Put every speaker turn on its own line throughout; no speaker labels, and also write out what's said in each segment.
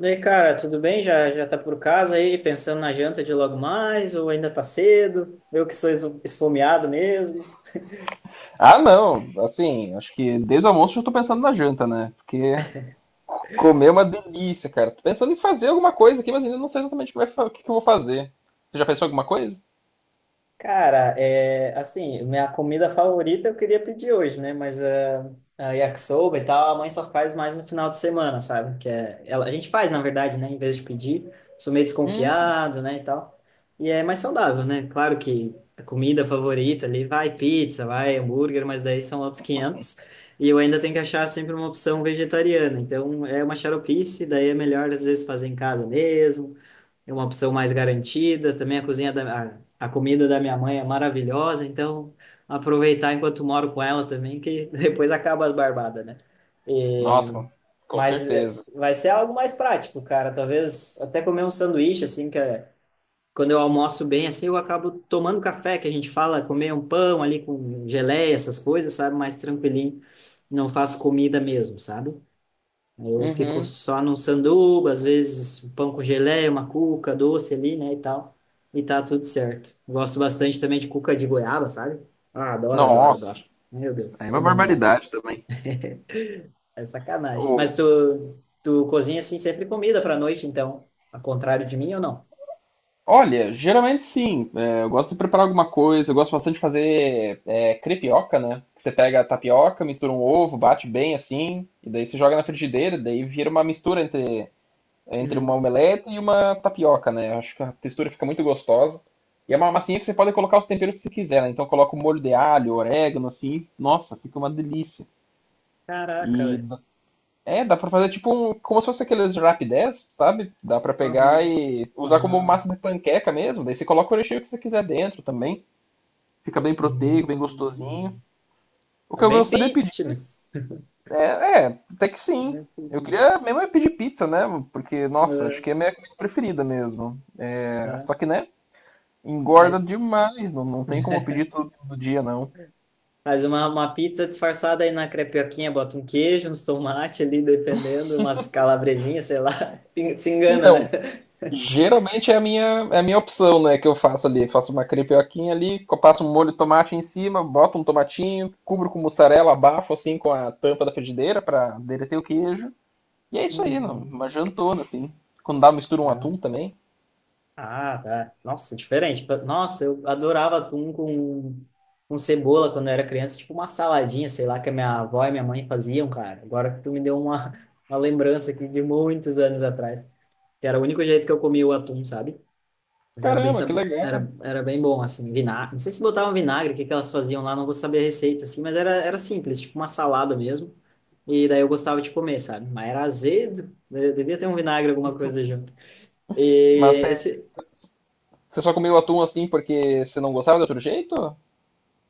E aí, cara, tudo bem? Já tá por casa aí, pensando na janta de logo mais, ou ainda tá cedo? Eu que sou es- Esfomeado mesmo.
Ah, não. Assim, acho que desde o almoço eu tô pensando na janta, né? Porque comer é uma delícia, cara. Tô pensando em fazer alguma coisa aqui, mas ainda não sei exatamente o que, o que que eu vou fazer. Você já pensou em alguma coisa?
Cara, é, assim, minha comida favorita eu queria pedir hoje, né? A yakisoba e tal, a mãe só faz mais no final de semana, sabe? Que é, ela, a gente faz, na verdade, né? Em vez de pedir, sou meio
Hum.
desconfiado, né? E tal. E é mais saudável, né? Claro que a comida favorita ali vai pizza, vai hambúrguer, mas daí são outros 500. E eu ainda tenho que achar sempre uma opção vegetariana. Então é uma xaropice, daí é melhor às vezes fazer em casa mesmo, é uma opção mais garantida. Também a comida da minha mãe é maravilhosa, então aproveitar enquanto moro com ela também, que depois acaba as barbadas, né? E,
Nossa, com certeza.
Vai ser algo mais prático, cara. Talvez até comer um sanduíche, assim, quando eu almoço bem, assim, eu acabo tomando café, que a gente fala, comer um pão ali com geleia, essas coisas, sabe? Mais tranquilinho. Não faço comida mesmo, sabe? Aí eu fico
Uhum.
só num sanduba, às vezes um pão com geleia, uma cuca doce ali, né, e tal. E tá tudo certo. Gosto bastante também de cuca de goiaba, sabe? Ah, adoro, adoro, adoro.
Nossa,
Meu
é
Deus,
uma
é bom demais.
barbaridade também.
É sacanagem. Mas
O-
tu, tu cozinha assim sempre comida pra noite, então, ao contrário de mim ou não?
Olha, geralmente sim. É, eu gosto de preparar alguma coisa. Eu gosto bastante de fazer crepioca, né? Que você pega a tapioca, mistura um ovo, bate bem assim, e daí você joga na frigideira, daí vira uma mistura entre. É entre uma
Uhum.
omelete e uma tapioca, né? Eu acho que a textura fica muito gostosa. E é uma massinha que você pode colocar os temperos que você quiser, né? Então coloca o molho de alho, orégano, assim. Nossa, fica uma delícia.
Caraca,
E
velho.
d- dá pra fazer tipo um, como se fosse aqueles rapidez, sabe? Dá pra pegar
Aham.
e usar como
Ah,
massa de panqueca mesmo. Daí você coloca o recheio que você quiser dentro também. Fica bem proteico, bem gostosinho.
hum.
O
É
que eu
bem
gostaria de pedir
fitness.
é, é, até que sim.
Bem
Eu
fitness.
queria mesmo é pedir pizza, né? Porque, nossa,
Ah,
acho que é a minha comida preferida mesmo. É,
ah.
só que, né?
Mas
Engorda demais, não tem como pedir tudo do dia, não.
faz uma pizza disfarçada aí na crepioquinha, bota um queijo, uns tomate ali, dependendo, umas calabresinhas, sei lá. Se engana, né?
Então, geralmente é a minha opção, né, que eu faço ali. Faço uma crepioquinha ali, passo um molho de tomate em cima, boto um tomatinho, cubro com mussarela, abafo assim com a tampa da frigideira para derreter o queijo. E é isso aí, não, uma
Uhum.
jantona, assim. Quando dá, mistura um atum
Não.
também.
Ah, tá. Nossa, diferente. Nossa, eu adorava atum com cebola quando eu era criança, tipo uma saladinha, sei lá, que a minha avó e minha mãe faziam, cara. Agora que tu me deu uma lembrança aqui de muitos anos atrás, que era o único jeito que eu comia o atum, sabe? Mas era bem,
Caramba, que legal.
era bem bom, assim, vinagre. Não sei se botavam vinagre, o que que elas faziam lá, não vou saber a receita, assim, mas era, era simples, tipo uma salada mesmo. E daí eu gostava de comer, sabe? Mas era azedo, devia ter um vinagre, alguma coisa junto.
Mas
E
é,
esse,
você só comeu atum assim porque você não gostava de outro jeito?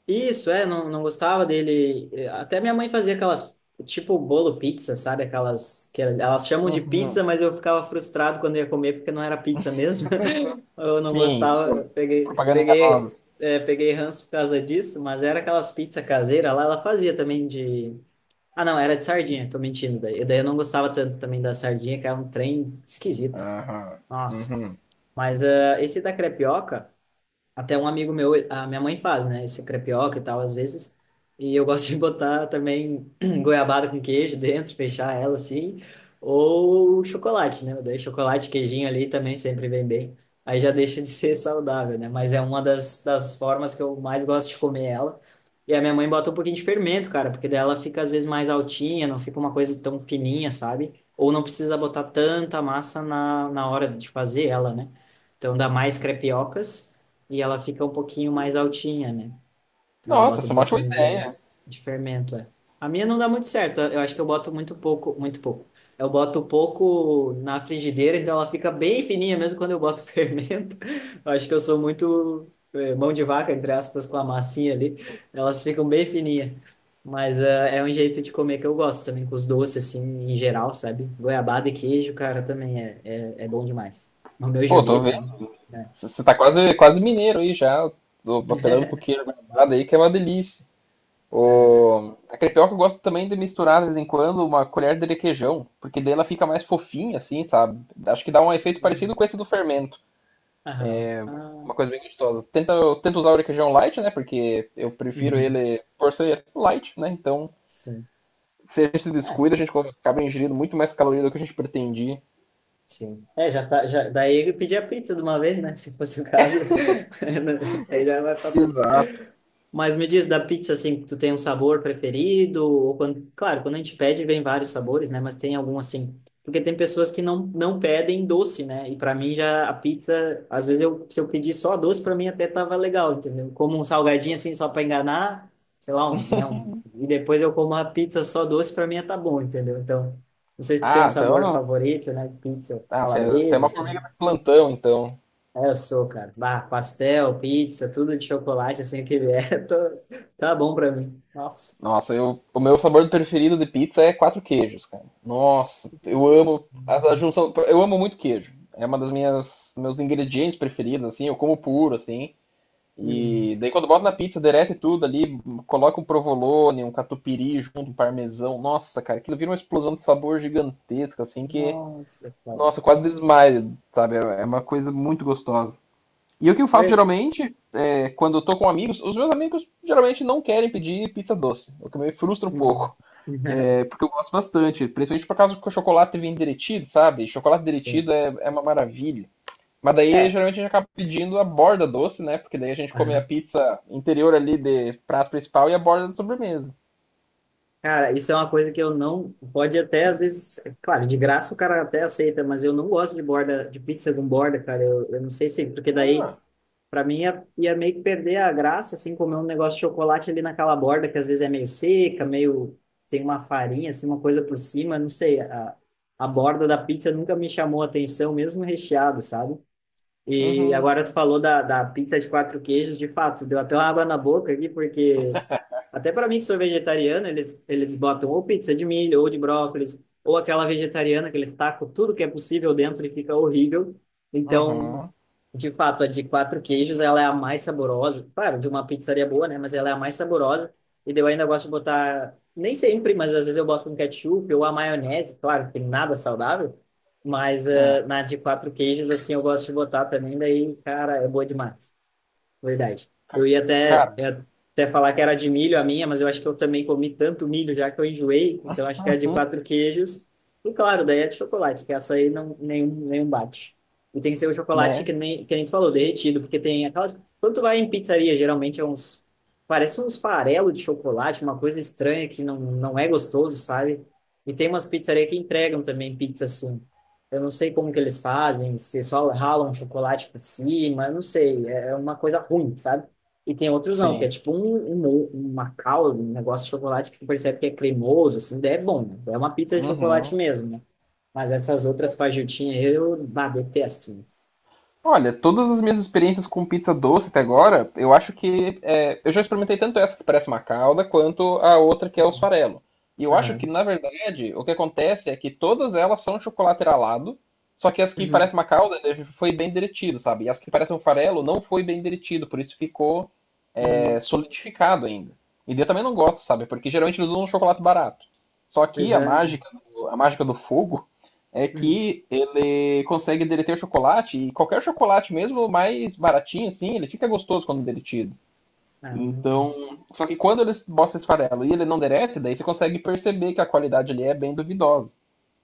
isso, é, não, não gostava dele. Até minha mãe fazia aquelas, tipo bolo pizza, sabe? Aquelas que elas chamam de pizza,
Uhum.
mas eu ficava frustrado quando ia comer porque não era pizza mesmo. Eu não
Sim,
gostava, eu peguei,
propaganda
peguei,
enganosa.
é, peguei ranço por causa disso, mas era aquelas pizzas caseiras lá, ela fazia também de. Ah, não, era de sardinha, tô mentindo daí. Daí eu não gostava tanto também da sardinha, que era um trem esquisito.
Aham.
Nossa.
Uhum.
Mas ah, esse da crepioca. Até um amigo meu, a minha mãe faz, né? Esse crepioca e tal, às vezes. E eu gosto de botar também goiabada com queijo dentro, fechar ela assim. Ou chocolate, né? Daí chocolate, queijinho ali também sempre vem bem. Aí já deixa de ser saudável, né? Mas é uma das formas que eu mais gosto de comer ela. E a minha mãe bota um pouquinho de fermento, cara, porque daí ela fica às vezes mais altinha, não fica uma coisa tão fininha, sabe? Ou não precisa botar tanta massa na hora de fazer ela, né? Então dá mais crepiocas e ela fica um pouquinho mais altinha, né? Ela
Nossa,
bota um
essa é uma ótima
pouquinho
ideia.
de fermento, é. A minha não dá muito certo. Eu acho que eu boto muito pouco. Eu boto pouco na frigideira, então ela fica bem fininha, mesmo quando eu boto fermento. Eu acho que eu sou muito mão de vaca, entre aspas, com a massinha ali. Elas ficam bem fininhas. Mas é um jeito de comer que eu gosto também, com os doces, assim, em geral, sabe? Goiabada e queijo, cara, também é bom demais. Romeu e
Pô, tô vendo.
Julieta, né?
Você tá quase mineiro aí já. Tô apelando pro queijo guardado aí, que é uma delícia.
É,
O... A crepioca eu gosto também de misturar de vez em quando uma colher de requeijão, porque daí ela fica mais fofinha, assim, sabe? Acho que dá um
é.
efeito parecido com esse do fermento.
Aham. Ah,
Uma coisa bem gostosa. Eu tento usar o requeijão light, né? Porque eu prefiro
uhum.
ele por ser light, né? Então,
Sim.
a gente se
É,
descuida, a gente acaba ingerindo muito mais caloria do que a gente pretendia.
sim. É, já tá, já, daí ele pedia pizza de uma vez, né? Se fosse o caso, aí já vai pra pizza.
Exato.
Mas me diz, da pizza, assim, tu tem um sabor preferido? Ou quando, claro, quando a gente pede, vem vários sabores, né? Mas tem algum, assim... Porque tem pessoas que não, não pedem doce, né? E para mim, já a pizza... Às vezes, eu, se eu pedir só doce, para mim até tava legal, entendeu? Como um salgadinho, assim, só para enganar, sei lá, um, né? Um, e depois eu como a pizza só doce, para mim tá bom, entendeu? Então... Não sei se tu tem um
Ah,
sabor
então.
favorito, né? Pizza
Ah, você é
calabresa,
uma formiga
assim.
de plantão, então.
É, eu sou, cara. Bah, pastel, pizza, tudo de chocolate, assim, que vier, tá bom pra mim. Nossa.
Nossa, eu, o meu sabor preferido de pizza é quatro queijos, cara. Nossa, eu
Hum,
amo a junção, eu amo muito queijo. É uma das minhas meus ingredientes preferidos, assim, eu como puro, assim.
hum.
E daí quando boto na pizza, derrete tudo ali, coloca um provolone, um catupiry junto, um parmesão. Nossa, cara, aquilo vira uma explosão de sabor gigantesca, assim, que,
Nossa, cara.
nossa, eu quase desmaio, sabe? É é uma coisa muito gostosa. E o que eu faço
Eu-
geralmente, é, quando eu tô com amigos, os meus amigos geralmente não querem pedir pizza doce, o que me frustra um
hum.
pouco. É, porque eu gosto bastante, principalmente por causa que o chocolate vem derretido, sabe? Chocolate
Sim.
derretido é uma maravilha. Mas daí
É.
geralmente a gente acaba pedindo a borda doce, né? Porque daí a gente come a pizza interior ali de prato principal e a borda de sobremesa.
Cara, isso é uma coisa que eu não. Pode até, às vezes. É claro, de graça o cara até aceita, mas eu não gosto de borda, de pizza com borda, cara. Eu não sei se. Porque daí.
Ah,
Para mim ia meio que perder a graça, assim, comer um negócio de chocolate ali naquela borda, que às vezes é meio seca, meio. Tem uma farinha, assim, uma coisa por cima, não sei. A borda da pizza nunca me chamou a atenção, mesmo recheada, sabe? E
uhum,
agora tu falou da pizza de quatro queijos, de fato, deu até uma água na boca aqui, porque até para mim que sou vegetariano, eles botam ou pizza de milho, ou de brócolis, ou aquela vegetariana que eles tacam tudo que é possível dentro e fica horrível. Então,
uhum.
de fato, a de quatro queijos, ela é a mais saborosa. Claro, de uma pizzaria boa, né? Mas ela é a mais saborosa. E daí eu ainda gosto de botar, nem sempre, mas às vezes eu boto um ketchup ou a maionese, claro, que nada saudável. Mas
É,
na de quatro queijos, assim, eu gosto de botar também, daí, cara, é boa demais. Verdade.
ca- cara,
Eu ia até falar que era de milho a minha, mas eu acho que eu também comi tanto milho já que eu enjoei, então acho que é de quatro queijos. E claro, daí é de chocolate, que essa aí não, nenhum bate. E tem que ser o chocolate
né?
que nem tu falou, derretido, porque tem aquelas. Quando tu vai em pizzaria, geralmente é uns. Parece uns farelos de chocolate, uma coisa estranha que não é gostoso, sabe? E tem umas pizzarias que entregam também pizza assim. Eu não sei como que eles fazem, se só ralam chocolate por cima, eu não sei, é uma coisa ruim, sabe? E tem outros não, que é
Sim.
tipo um Macau, um negócio de chocolate que tu percebe que é cremoso, assim, daí é bom, né? É uma pizza de chocolate
Uhum.
mesmo, né? Mas essas outras fajutinhas aí eu, bah, detesto, né?
Olha, todas as minhas experiências com pizza doce até agora, eu acho que eu já experimentei tanto essa que parece uma calda, quanto a outra que é o
Uhum.
farelo. E eu acho que,
Aham.
na verdade, o que acontece é que todas elas são chocolate ralado, só que as que
Uhum.
parecem uma calda foi bem derretido, sabe? E as que parecem um farelo não foi bem derretido, por isso ficou
Uhum.
solidificado ainda. E eu também não gosto, sabe? Porque geralmente eles usam um chocolate barato. Só que
Pois é.
a mágica do fogo é
Uhum.
que ele consegue derreter o chocolate e qualquer chocolate mesmo mais baratinho assim, ele fica gostoso quando derretido.
Ah, não.
Então, só que quando eles botam esse farelo e ele não derrete, daí você consegue perceber que a qualidade ali é bem duvidosa.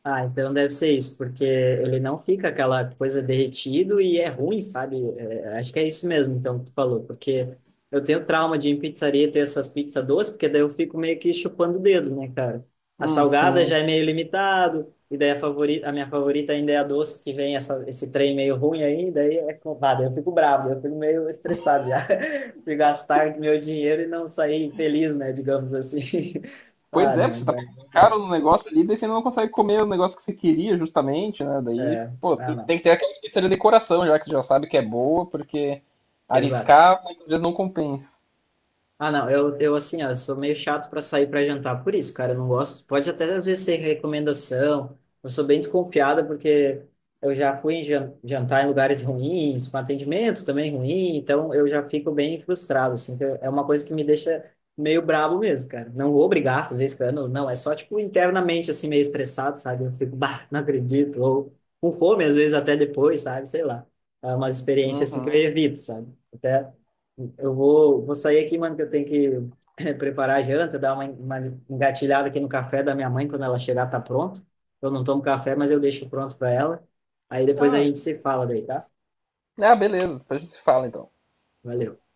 Ah, então deve ser isso, porque ele não fica aquela coisa derretido e é ruim, sabe? É, acho que é isso mesmo, então, que tu falou, porque eu tenho trauma de ir em pizzaria ter essas pizzas doces, porque daí eu fico meio que chupando o dedo, né, cara? A salgada já
Uhum.
é meio limitado, e daí a favorita, a minha favorita ainda é a doce, que vem essa, esse trem meio ruim aí, daí é, co- ah, daí eu fico bravo, daí eu fico meio estressado já, de gastar meu dinheiro e não sair feliz, né, digamos assim.
Pois
Ah,
é, porque você
não,
tá
daí
pagando
é
caro
bravo.
no negócio ali, daí você não consegue comer o negócio que você queria, justamente, né? Daí,
É,
pô,
ah, não.
tem que ter aquela pizza de decoração, já que você já sabe que é boa, porque
Exato.
arriscar muitas vezes não compensa.
Ah, não, eu assim, ó, eu sou meio chato para sair para jantar, por isso, cara, eu não gosto. Pode até às vezes ser recomendação. Eu sou bem desconfiada porque eu já fui em jantar em lugares ruins, com atendimento também ruim, então eu já fico bem frustrado, assim, que é uma coisa que me deixa meio brabo mesmo, cara. Não vou obrigar a fazer escândalo, não, é só tipo internamente assim meio estressado, sabe? Eu fico, bah, não acredito, ou com fome às vezes até depois, sabe? Sei lá. É uma experiência assim que eu
Uhum.
evito, sabe? Até eu vou, vou sair aqui, mano, que eu tenho que preparar a janta, dar uma engatilhada aqui no café da minha mãe, quando ela chegar, tá pronto. Eu não tomo café, mas eu deixo pronto para ela. Aí depois a
Ah,
gente se fala daí, tá?
ah, beleza, depois a gente se fala então.
Valeu.